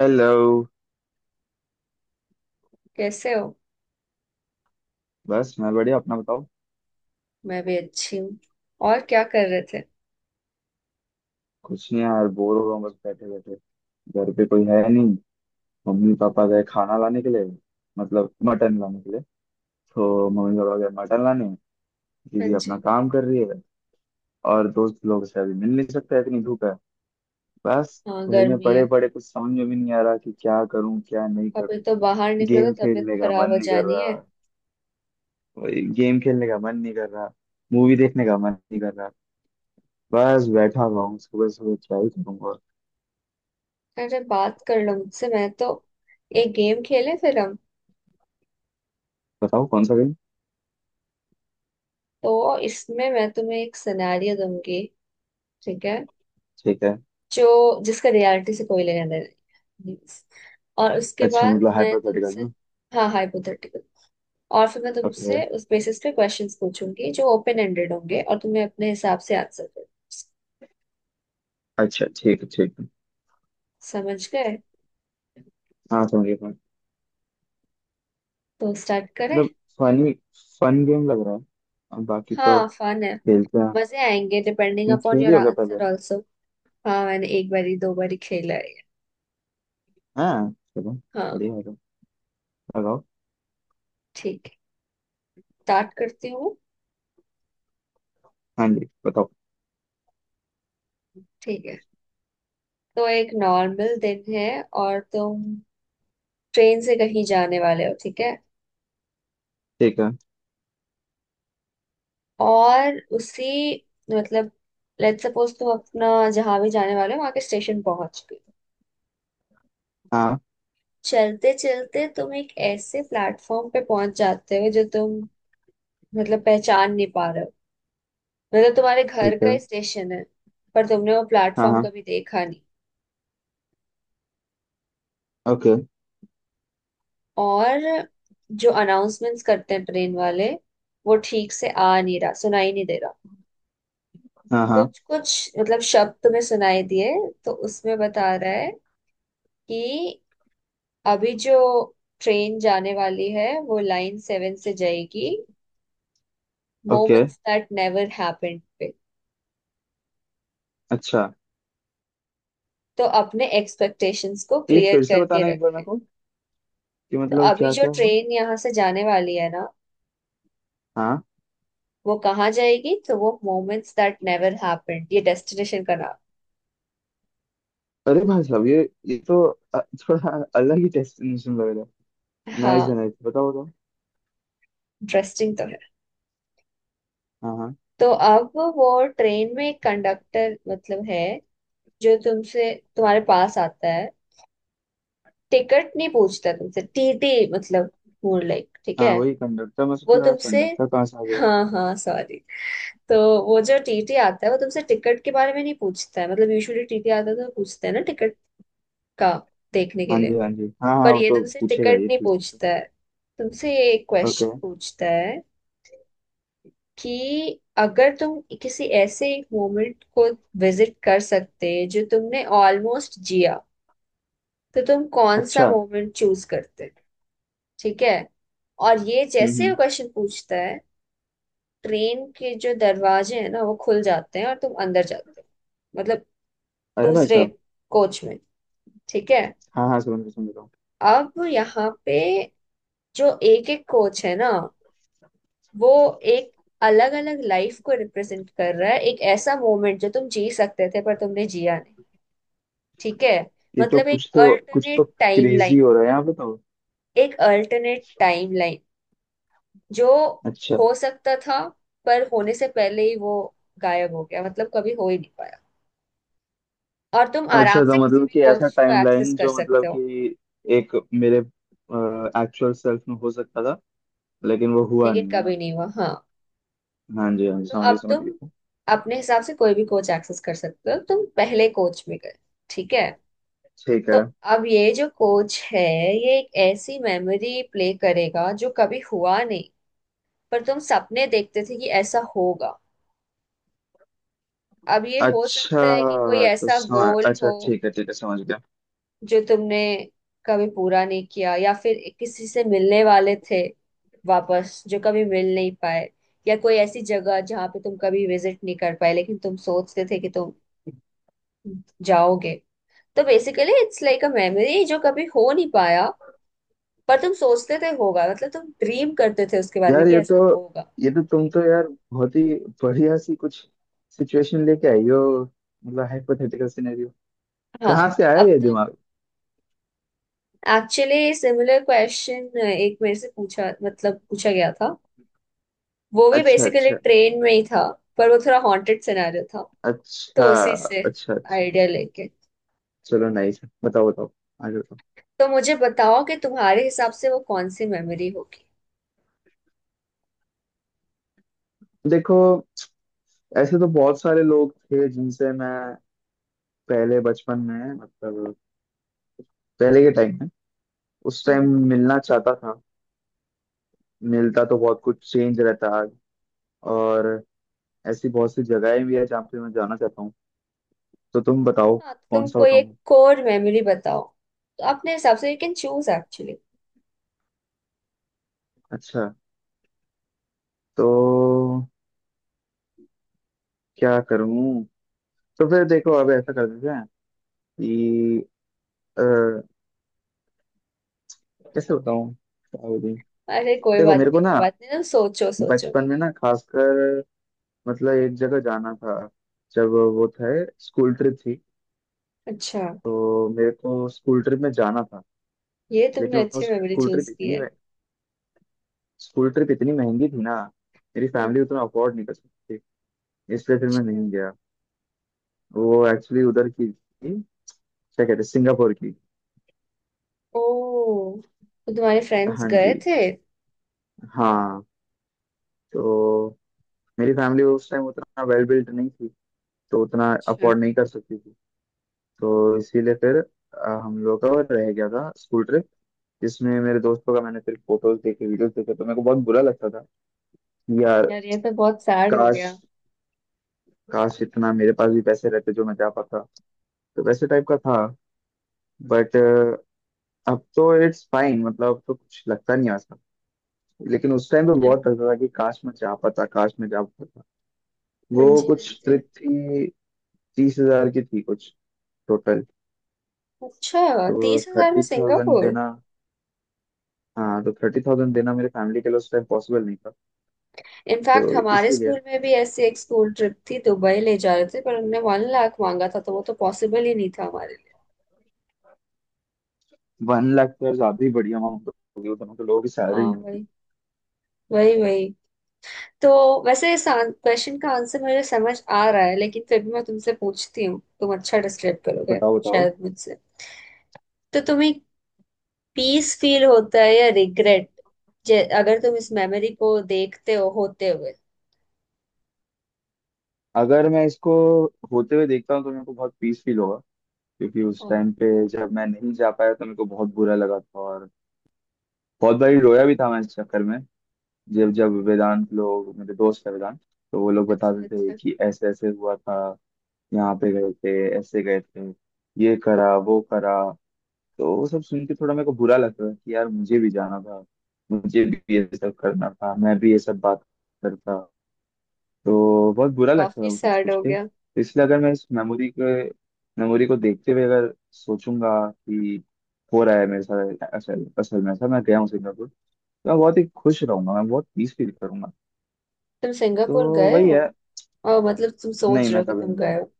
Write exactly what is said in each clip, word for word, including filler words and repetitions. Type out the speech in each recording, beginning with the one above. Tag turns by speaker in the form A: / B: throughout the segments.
A: Hello.
B: कैसे हो।
A: बस मैं बढ़िया, अपना बताओ।
B: मैं भी अच्छी हूँ। और क्या कर रहे थे।
A: कुछ नहीं यार, बोर हो रहा हूँ, बस बैठे बैठे। घर पे कोई है नहीं। मम्मी पापा
B: अच्छा।
A: गए खाना लाने के लिए, मतलब मटन लाने के लिए। तो मम्मी पापा गए मटन लाने।
B: हाँ
A: दीदी अपना
B: जी।
A: काम कर रही है। और दोस्त लोग से अभी मिल नहीं सकता, इतनी धूप है। बस।
B: हाँ,
A: घर में
B: गर्मी
A: पड़े
B: है।
A: पड़े कुछ समझ में भी नहीं आ रहा कि क्या करूँ क्या नहीं
B: अभी
A: करूँ।
B: तो बाहर निकलो
A: गेम
B: तो तबीयत
A: खेलने का
B: खराब
A: मन
B: हो
A: नहीं कर
B: जानी है।
A: रहा, वही गेम खेलने का मन नहीं कर रहा, मूवी देखने का मन नहीं कर रहा। बस बैठा हुआ हूँ, सुबह सुबह क्या ही करूँगा।
B: अरे बात कर लो मुझसे, मैं तो एक गेम खेले फिर हम।
A: बताओ कौन सा।
B: तो इसमें मैं तुम्हें एक सिनेरियो दूंगी। ठीक है।
A: ठीक है।
B: जो जिसका रियलिटी से कोई लेना देना नहीं है। और उसके
A: अच्छा,
B: बाद
A: मतलब
B: मैं
A: हाइपोथेटिकल
B: तुमसे।
A: ना।
B: हाँ, हाइपोथेटिकल। और फिर मैं
A: ओके।
B: तुमसे उस बेसिस पे क्वेश्चंस पूछूंगी जो ओपन एंडेड होंगे और तुम्हें अपने हिसाब से आंसर करना है।
A: अच्छा ठीक है ठीक है।
B: समझ गए।
A: हाँ समझ गया, समझ-
B: तो स्टार्ट करें।
A: मतलब फनी फन गेम लग रहा है। अब बाकी तो
B: हाँ, फन है।
A: खेलते हैं।
B: मजे आएंगे डिपेंडिंग
A: तुम
B: अपॉन
A: खेली
B: योर
A: होगा पहले।
B: Answer also. हाँ, मैंने एक बारी दो बारी खेला है।
A: हाँ चलो,
B: हाँ।
A: बढ़िया होगा, लगाओ।
B: ठीक है। स्टार्ट करती हूँ।
A: हाँ जी बताओ।
B: ठीक है। तो एक नॉर्मल दिन है और तुम ट्रेन से कहीं जाने वाले हो, ठीक है।
A: ठीक है।
B: और उसी मतलब लेट्स सपोज तुम अपना जहां भी जाने वाले हो वहां के स्टेशन पहुंच गए।
A: हाँ।
B: चलते चलते तुम एक ऐसे प्लेटफॉर्म पे पहुंच जाते हो जो तुम मतलब पहचान नहीं पा रहे हो। मतलब तुम्हारे घर
A: ठीक
B: का
A: है।
B: ही स्टेशन है, पर तुमने वो
A: हाँ
B: प्लेटफॉर्म
A: हाँ,
B: कभी देखा नहीं।
A: ओके।
B: और जो अनाउंसमेंट्स करते हैं ट्रेन वाले वो ठीक से आ नहीं रहा, सुनाई नहीं दे रहा।
A: हाँ हाँ,
B: कुछ कुछ मतलब शब्द तुम्हें सुनाई दिए तो उसमें बता रहा है कि अभी जो ट्रेन जाने वाली है वो लाइन सेवन से जाएगी
A: okay.
B: Moments that never happened पे।
A: अच्छा,
B: तो अपने एक्सपेक्टेशंस को
A: ये
B: क्लियर
A: फिर से
B: करके
A: बताना एक बार मेरे
B: रखें।
A: को कि
B: तो
A: मतलब
B: अभी
A: क्या
B: जो
A: क्या हुआ।
B: ट्रेन यहाँ से जाने वाली है ना,
A: हाँ।
B: वो कहाँ जाएगी, तो वो मोमेंट्स दैट नेवर हैपेंड, ये डेस्टिनेशन का नाम।
A: अरे भाई साहब, ये ये तो अ, थोड़ा अलग ही डेस्टिनेशन लग रहा है। नाइस है,
B: हाँ,
A: नाइस, बताओ बताओ।
B: इंटरेस्टिंग तो है।
A: हाँ हाँ।
B: तो अब वो ट्रेन में एक कंडक्टर मतलब है जो तुमसे तुम्हारे पास आता है। टिकट नहीं पूछता तुमसे, टीटी मतलब, मोर लाइक, ठीक है।
A: हाँ वही कंडक्टर, मैं सोच
B: वो
A: रहा
B: तुमसे।
A: कंडक्टर कहाँ से आ गया।
B: हाँ हाँ, सॉरी। तो वो जो टीटी आता है वो तुमसे टिकट के बारे में नहीं पूछता है, मतलब यूजुअली टीटी आता है तो पूछते हैं ना टिकट का, देखने के
A: हाँ जी
B: लिए।
A: हाँ जी, हाँ हाँ,
B: पर
A: वो
B: ये
A: तो
B: तुमसे
A: पूछेगा,
B: टिकट
A: ये
B: नहीं
A: ठीक है।
B: पूछता है। तुमसे ये एक
A: ओके।
B: क्वेश्चन पूछता है कि अगर तुम किसी ऐसे एक मोमेंट को विजिट कर सकते जो तुमने ऑलमोस्ट जिया, तो तुम कौन सा
A: अच्छा।
B: मोमेंट चूज करते। ठीक है। और ये
A: हम्म
B: जैसे
A: हम्म।
B: वो क्वेश्चन पूछता है, ट्रेन के जो दरवाजे हैं ना वो खुल जाते हैं और तुम अंदर जाते हो, मतलब
A: अरे भाई
B: दूसरे
A: साहब।
B: कोच में। ठीक है।
A: हाँ हाँ, समझ रहा समझ रहा हूँ।
B: अब यहाँ पे जो एक एक कोच है ना, वो एक अलग अलग लाइफ को रिप्रेजेंट कर रहा है, एक ऐसा मोमेंट जो तुम जी सकते थे पर तुमने जिया नहीं। ठीक है।
A: ये तो
B: मतलब एक
A: कुछ तो कुछ
B: अल्टरनेट
A: तो क्रेजी
B: टाइमलाइन।
A: हो रहा है यहाँ पे तो।
B: एक अल्टरनेट टाइमलाइन जो
A: अच्छा।
B: हो सकता था पर होने से पहले ही वो गायब हो गया, मतलब कभी हो ही नहीं पाया। और तुम
A: अच्छा,
B: आराम
A: तो
B: से किसी
A: मतलब
B: भी
A: कि ऐसा
B: कोच को एक्सेस
A: टाइमलाइन
B: कर
A: जो, मतलब
B: सकते हो।
A: कि एक मेरे एक्चुअल सेल्फ में हो सकता था लेकिन वो हुआ
B: लेकिन
A: नहीं है
B: कभी
A: ना।
B: नहीं हुआ, हाँ।
A: हाँ जी हाँ जी,
B: तो
A: समझ गया
B: अब
A: समझ
B: तुम
A: गया।
B: अपने हिसाब से कोई भी कोच एक्सेस कर सकते हो, तुम पहले कोच में गए। ठीक है।
A: ठीक
B: तो
A: है।
B: अब ये जो कोच है, ये एक ऐसी मेमोरी प्ले करेगा जो कभी हुआ नहीं पर तुम सपने देखते थे कि ऐसा होगा। अब ये हो
A: अच्छा,
B: सकता है कि कोई
A: तो
B: ऐसा
A: सम...
B: गोल
A: अच्छा
B: हो
A: ठीक है ठीक है, समझ गया।
B: जो तुमने कभी पूरा नहीं किया, या फिर किसी से मिलने वाले थे वापस जो कभी मिल नहीं पाए, या कोई ऐसी जगह जहाँ पे तुम कभी विजिट नहीं कर पाए लेकिन तुम सोचते थे कि तुम जाओगे। तो basically it's like a memory जो कभी हो नहीं पाया, पर तुम सोचते थे होगा, मतलब तुम ड्रीम करते थे उसके बारे में
A: यार
B: कि
A: ये तो,
B: ऐसा होगा।
A: ये तो तुम तो यार बहुत ही बढ़िया सी कुछ सिचुएशन लेके आई हो, मतलब हाइपोथेटिकल सिनेरियो।
B: हाँ,
A: कहाँ से
B: तो
A: आया
B: अब
A: ये
B: तुम।
A: दिमाग।
B: एक्चुअली सिमिलर क्वेश्चन एक मेरे से पूछा, मतलब पूछा गया था। वो भी
A: अच्छा
B: बेसिकली
A: अच्छा।
B: ट्रेन में ही था। पर वो थोड़ा हॉन्टेड सिनेरियो था।
A: अच्छा
B: तो उसी से
A: अच्छा। अच्छा।
B: आइडिया लेके।
A: चलो नाइस, बताओ बताओ, आगे बताओ।
B: तो मुझे बताओ कि तुम्हारे हिसाब से वो कौन सी मेमोरी होगी।
A: देखो, ऐसे तो बहुत सारे लोग थे जिनसे मैं पहले बचपन में, मतलब पहले के टाइम में, उस टाइम
B: हम्म।
A: मिलना चाहता था। मिलता तो बहुत कुछ चेंज रहता आज। और ऐसी बहुत सी जगहें भी है जहाँ पे मैं जाना चाहता हूँ। तो तुम बताओ
B: हाँ, तो
A: कौन
B: तुम
A: सा
B: कोई एक
A: बताऊँ।
B: कोर मेमोरी बताओ। तो अपने हिसाब से यू कैन चूज एक्चुअली।
A: अच्छा तो क्या करूं। तो फिर देखो, अब ऐसा कर देते हैं कि अ, कैसे बताऊं क्या बोलूं?
B: अरे कोई
A: देखो
B: बात
A: मेरे को
B: नहीं, कोई
A: ना
B: बात नहीं, तुम सोचो सोचो।
A: बचपन में ना खासकर, मतलब एक जगह जाना था। जब वो थे, स्कूल ट्रिप थी।
B: अच्छा।
A: तो मेरे को स्कूल ट्रिप में जाना था।
B: ये
A: लेकिन
B: तुमने
A: वो
B: अच्छी मेमोरी
A: स्कूल
B: चूज
A: ट्रिप
B: की
A: इतनी
B: है।
A: स्कूल ट्रिप इतनी महंगी थी ना, मेरी
B: हम्म।
A: फैमिली उतना अफोर्ड नहीं कर सकती थी, इसलिए फिर मैं
B: अच्छा।
A: नहीं गया। वो एक्चुअली उधर की थी, क्या कहते हैं, सिंगापुर की।
B: ओ, तो तुम्हारे फ्रेंड्स
A: हाँ जी
B: गए थे।
A: हाँ। तो मेरी फैमिली उस टाइम उतना वेल बिल्ट नहीं थी, तो उतना
B: अच्छा।
A: अफोर्ड नहीं कर सकती थी। तो इसीलिए फिर अ, हम लोग का रह गया था स्कूल ट्रिप जिसमें मेरे दोस्तों का, मैंने फिर फोटोज देखे वीडियोस देखे, तो मेरे को बहुत बुरा लगता था कि यार
B: यार, ये तो बहुत सैड हो
A: काश,
B: गया।
A: काश इतना मेरे पास भी पैसे रहते जो मैं जा पाता। तो वैसे टाइप का था, बट अब तो इट्स फाइन, मतलब अब तो कुछ लगता नहीं ऐसा। लेकिन उस टाइम तो
B: अच्छा।
A: बहुत लगता था कि काश मैं जा पाता, काश मैं जा पाता।
B: हाँ
A: वो
B: जी, हाँ
A: कुछ
B: जी।
A: ट्रिप थी, तीस हजार की थी कुछ टोटल।
B: अच्छा,
A: तो
B: तीस हजार में
A: थर्टी थाउजेंड
B: सिंगापुर।
A: देना, हाँ, तो थर्टी थाउजेंड देना मेरे फैमिली के लिए उस टाइम पॉसिबल नहीं था। तो
B: इनफैक्ट हमारे
A: इसीलिए
B: स्कूल में भी ऐसी एक स्कूल ट्रिप थी, दुबई ले जा रहे थे, पर उनने वन लाख मांगा था तो वो तो पॉसिबल ही नहीं था हमारे लिए।
A: वन लाख तो यार ज्यादा ही बढ़िया अमाउंट होगी, वो दोनों तो लोगों की सैलरी
B: हाँ
A: नहीं होती।
B: वही, वही, वही। तो वैसे इस क्वेश्चन का आंसर मुझे समझ आ रहा है, लेकिन फिर भी मैं तुमसे पूछती हूँ, तुम अच्छा डिस्क्राइब करोगे
A: बताओ बताओ।
B: शायद मुझसे। तो तुम्हें पीस फील होता है या रिग्रेट, अगर तुम इस मेमोरी को देखते हो होते हुए।
A: अगर मैं इसको होते हुए देखता हूँ तो मेरे को बहुत पीस फील होगा, क्योंकि उस
B: ओ,
A: टाइम पे
B: ओ,
A: जब मैं नहीं जा पाया तो मेरे को बहुत बुरा लगा था और बहुत बारी रोया भी था मैं इस चक्कर में। जब जब
B: ओ।
A: वेदांत लोग, मेरे दोस्त है वेदांत, तो वो लोग
B: अच्छा
A: बताते थे
B: अच्छा।
A: कि ऐसे ऐसे हुआ था, यहाँ पे गए थे, ऐसे गए थे, ये करा वो करा, तो वो सब सुन के थोड़ा मेरे को बुरा लग रहा है कि यार मुझे भी जाना था, मुझे भी ये सब करना था, मैं भी ये सब बात करता। तो बहुत बुरा लग रहा
B: काफी
A: है वो सब
B: सैड
A: सोच
B: हो
A: के।
B: गया।
A: तो इसलिए अगर मैं इस मेमोरी के मेमोरी को देखते हुए अगर सोचूंगा कि हो रहा है मेरे साथ असल असल में, ऐसा मैं गया हूँ सिंगापुर, तो मैं बहुत ही खुश रहूंगा, मैं बहुत पीस फील करूंगा।
B: तुम
A: तो
B: सिंगापुर गए
A: वही
B: हो।
A: है।
B: और मतलब तुम
A: नहीं,
B: सोच रहे
A: मैं
B: हो कि
A: कभी
B: तुम
A: नहीं गया।
B: गए हो।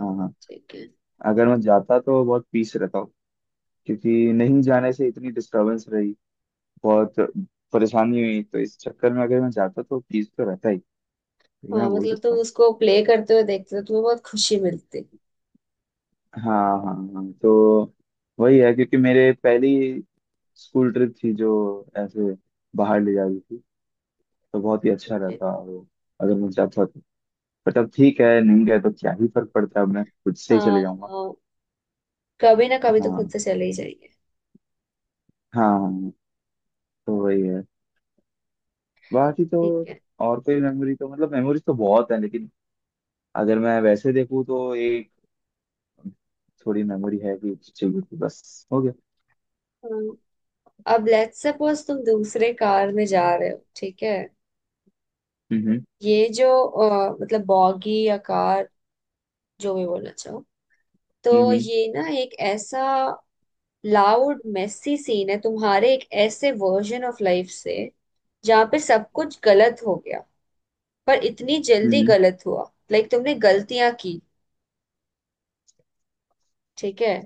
A: हाँ हाँ।
B: ठीक है।
A: अगर मैं जाता तो बहुत पीस रहता हूँ, क्योंकि नहीं जाने से इतनी डिस्टरबेंस रही, बहुत परेशानी हुई, तो इस चक्कर में अगर मैं जाता तो फीस तो रहता ही। तो ये मैं
B: हाँ,
A: बोल
B: मतलब
A: सकता
B: तुम
A: हूँ।
B: उसको प्ले करते हुए देखते हो तो तुम्हें बहुत खुशी मिलती
A: हाँ हाँ हाँ, तो वही है, क्योंकि मेरे पहली स्कूल ट्रिप थी जो ऐसे बाहर ले जा रही थी, तो बहुत ही अच्छा
B: है।
A: रहता वो अगर मैं जाता तो। बट अब ठीक है, नहीं गए तो क्या ही फर्क पड़ता है, अब मैं खुद से ही चले
B: हाँ
A: जाऊंगा।
B: हाँ। कभी ना कभी
A: हाँ
B: तो खुद
A: हाँ।
B: से चले ही जाएंगे।
A: हाँ, हाँ, तो वही है। बाकी तो
B: ठीक है।
A: और कोई मेमोरी तो, मतलब मेमोरीज तो बहुत है लेकिन अगर मैं वैसे देखूँ तो एक थोड़ी मेमोरी है, भी चाहिए थी, बस हो गया।
B: हाँ। अब लेट्स सपोज तुम दूसरे कार में जा रहे हो, ठीक है।
A: हम्म
B: ये जो अ, मतलब बॉगी या कार, जो भी बोलना चाहो। तो
A: हम्म
B: ये ना एक ऐसा लाउड मेसी सीन है तुम्हारे एक ऐसे वर्जन ऑफ लाइफ से, जहाँ पे सब कुछ गलत हो गया पर इतनी जल्दी
A: हम्म।
B: गलत हुआ। लाइक तुमने गलतियां की। ठीक है।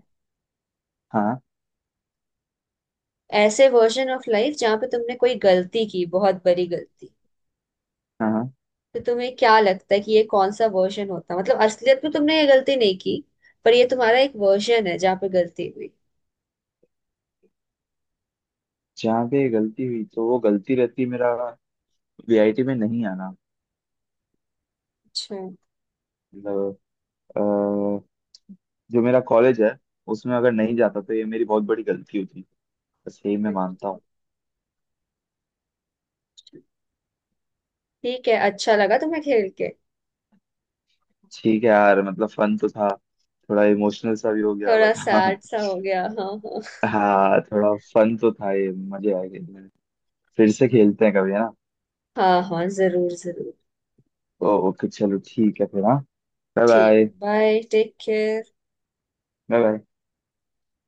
A: हाँ
B: ऐसे वर्जन ऑफ लाइफ जहाँ पे तुमने कोई गलती की, बहुत बड़ी गलती।
A: हाँ। हाँ,
B: तो तुम्हें क्या लगता है कि ये कौन सा वर्जन होता, मतलब असलियत में तुमने ये गलती नहीं की, पर ये तुम्हारा एक वर्जन है जहाँ पे गलती हुई।
A: जहाँ पे गलती हुई तो वो गलती रहती, मेरा वी आई टी में नहीं आना।
B: अच्छा।
A: मतलब अ, जो मेरा कॉलेज है, उसमें अगर नहीं जाता तो ये मेरी बहुत बड़ी गलती होती। बस यही मैं मानता हूँ।
B: ठीक है, अच्छा लगा तुम्हें खेल के।
A: ठीक है यार, मतलब फन तो था, थोड़ा इमोशनल सा भी हो गया
B: थोड़ा
A: बट हाँ।
B: सैड सा अच्छा हो गया, हाँ हाँ।
A: हाँ थोड़ा फन तो था, ये मजे आए खेलने में। फिर से खेलते हैं कभी, है ना।
B: हाँ हाँ, जरूर जरूर।
A: ओ- ओके चलो ठीक है फिर, हाँ,
B: ठीक
A: बाय।
B: है, bye, take care.
A: Bye bye.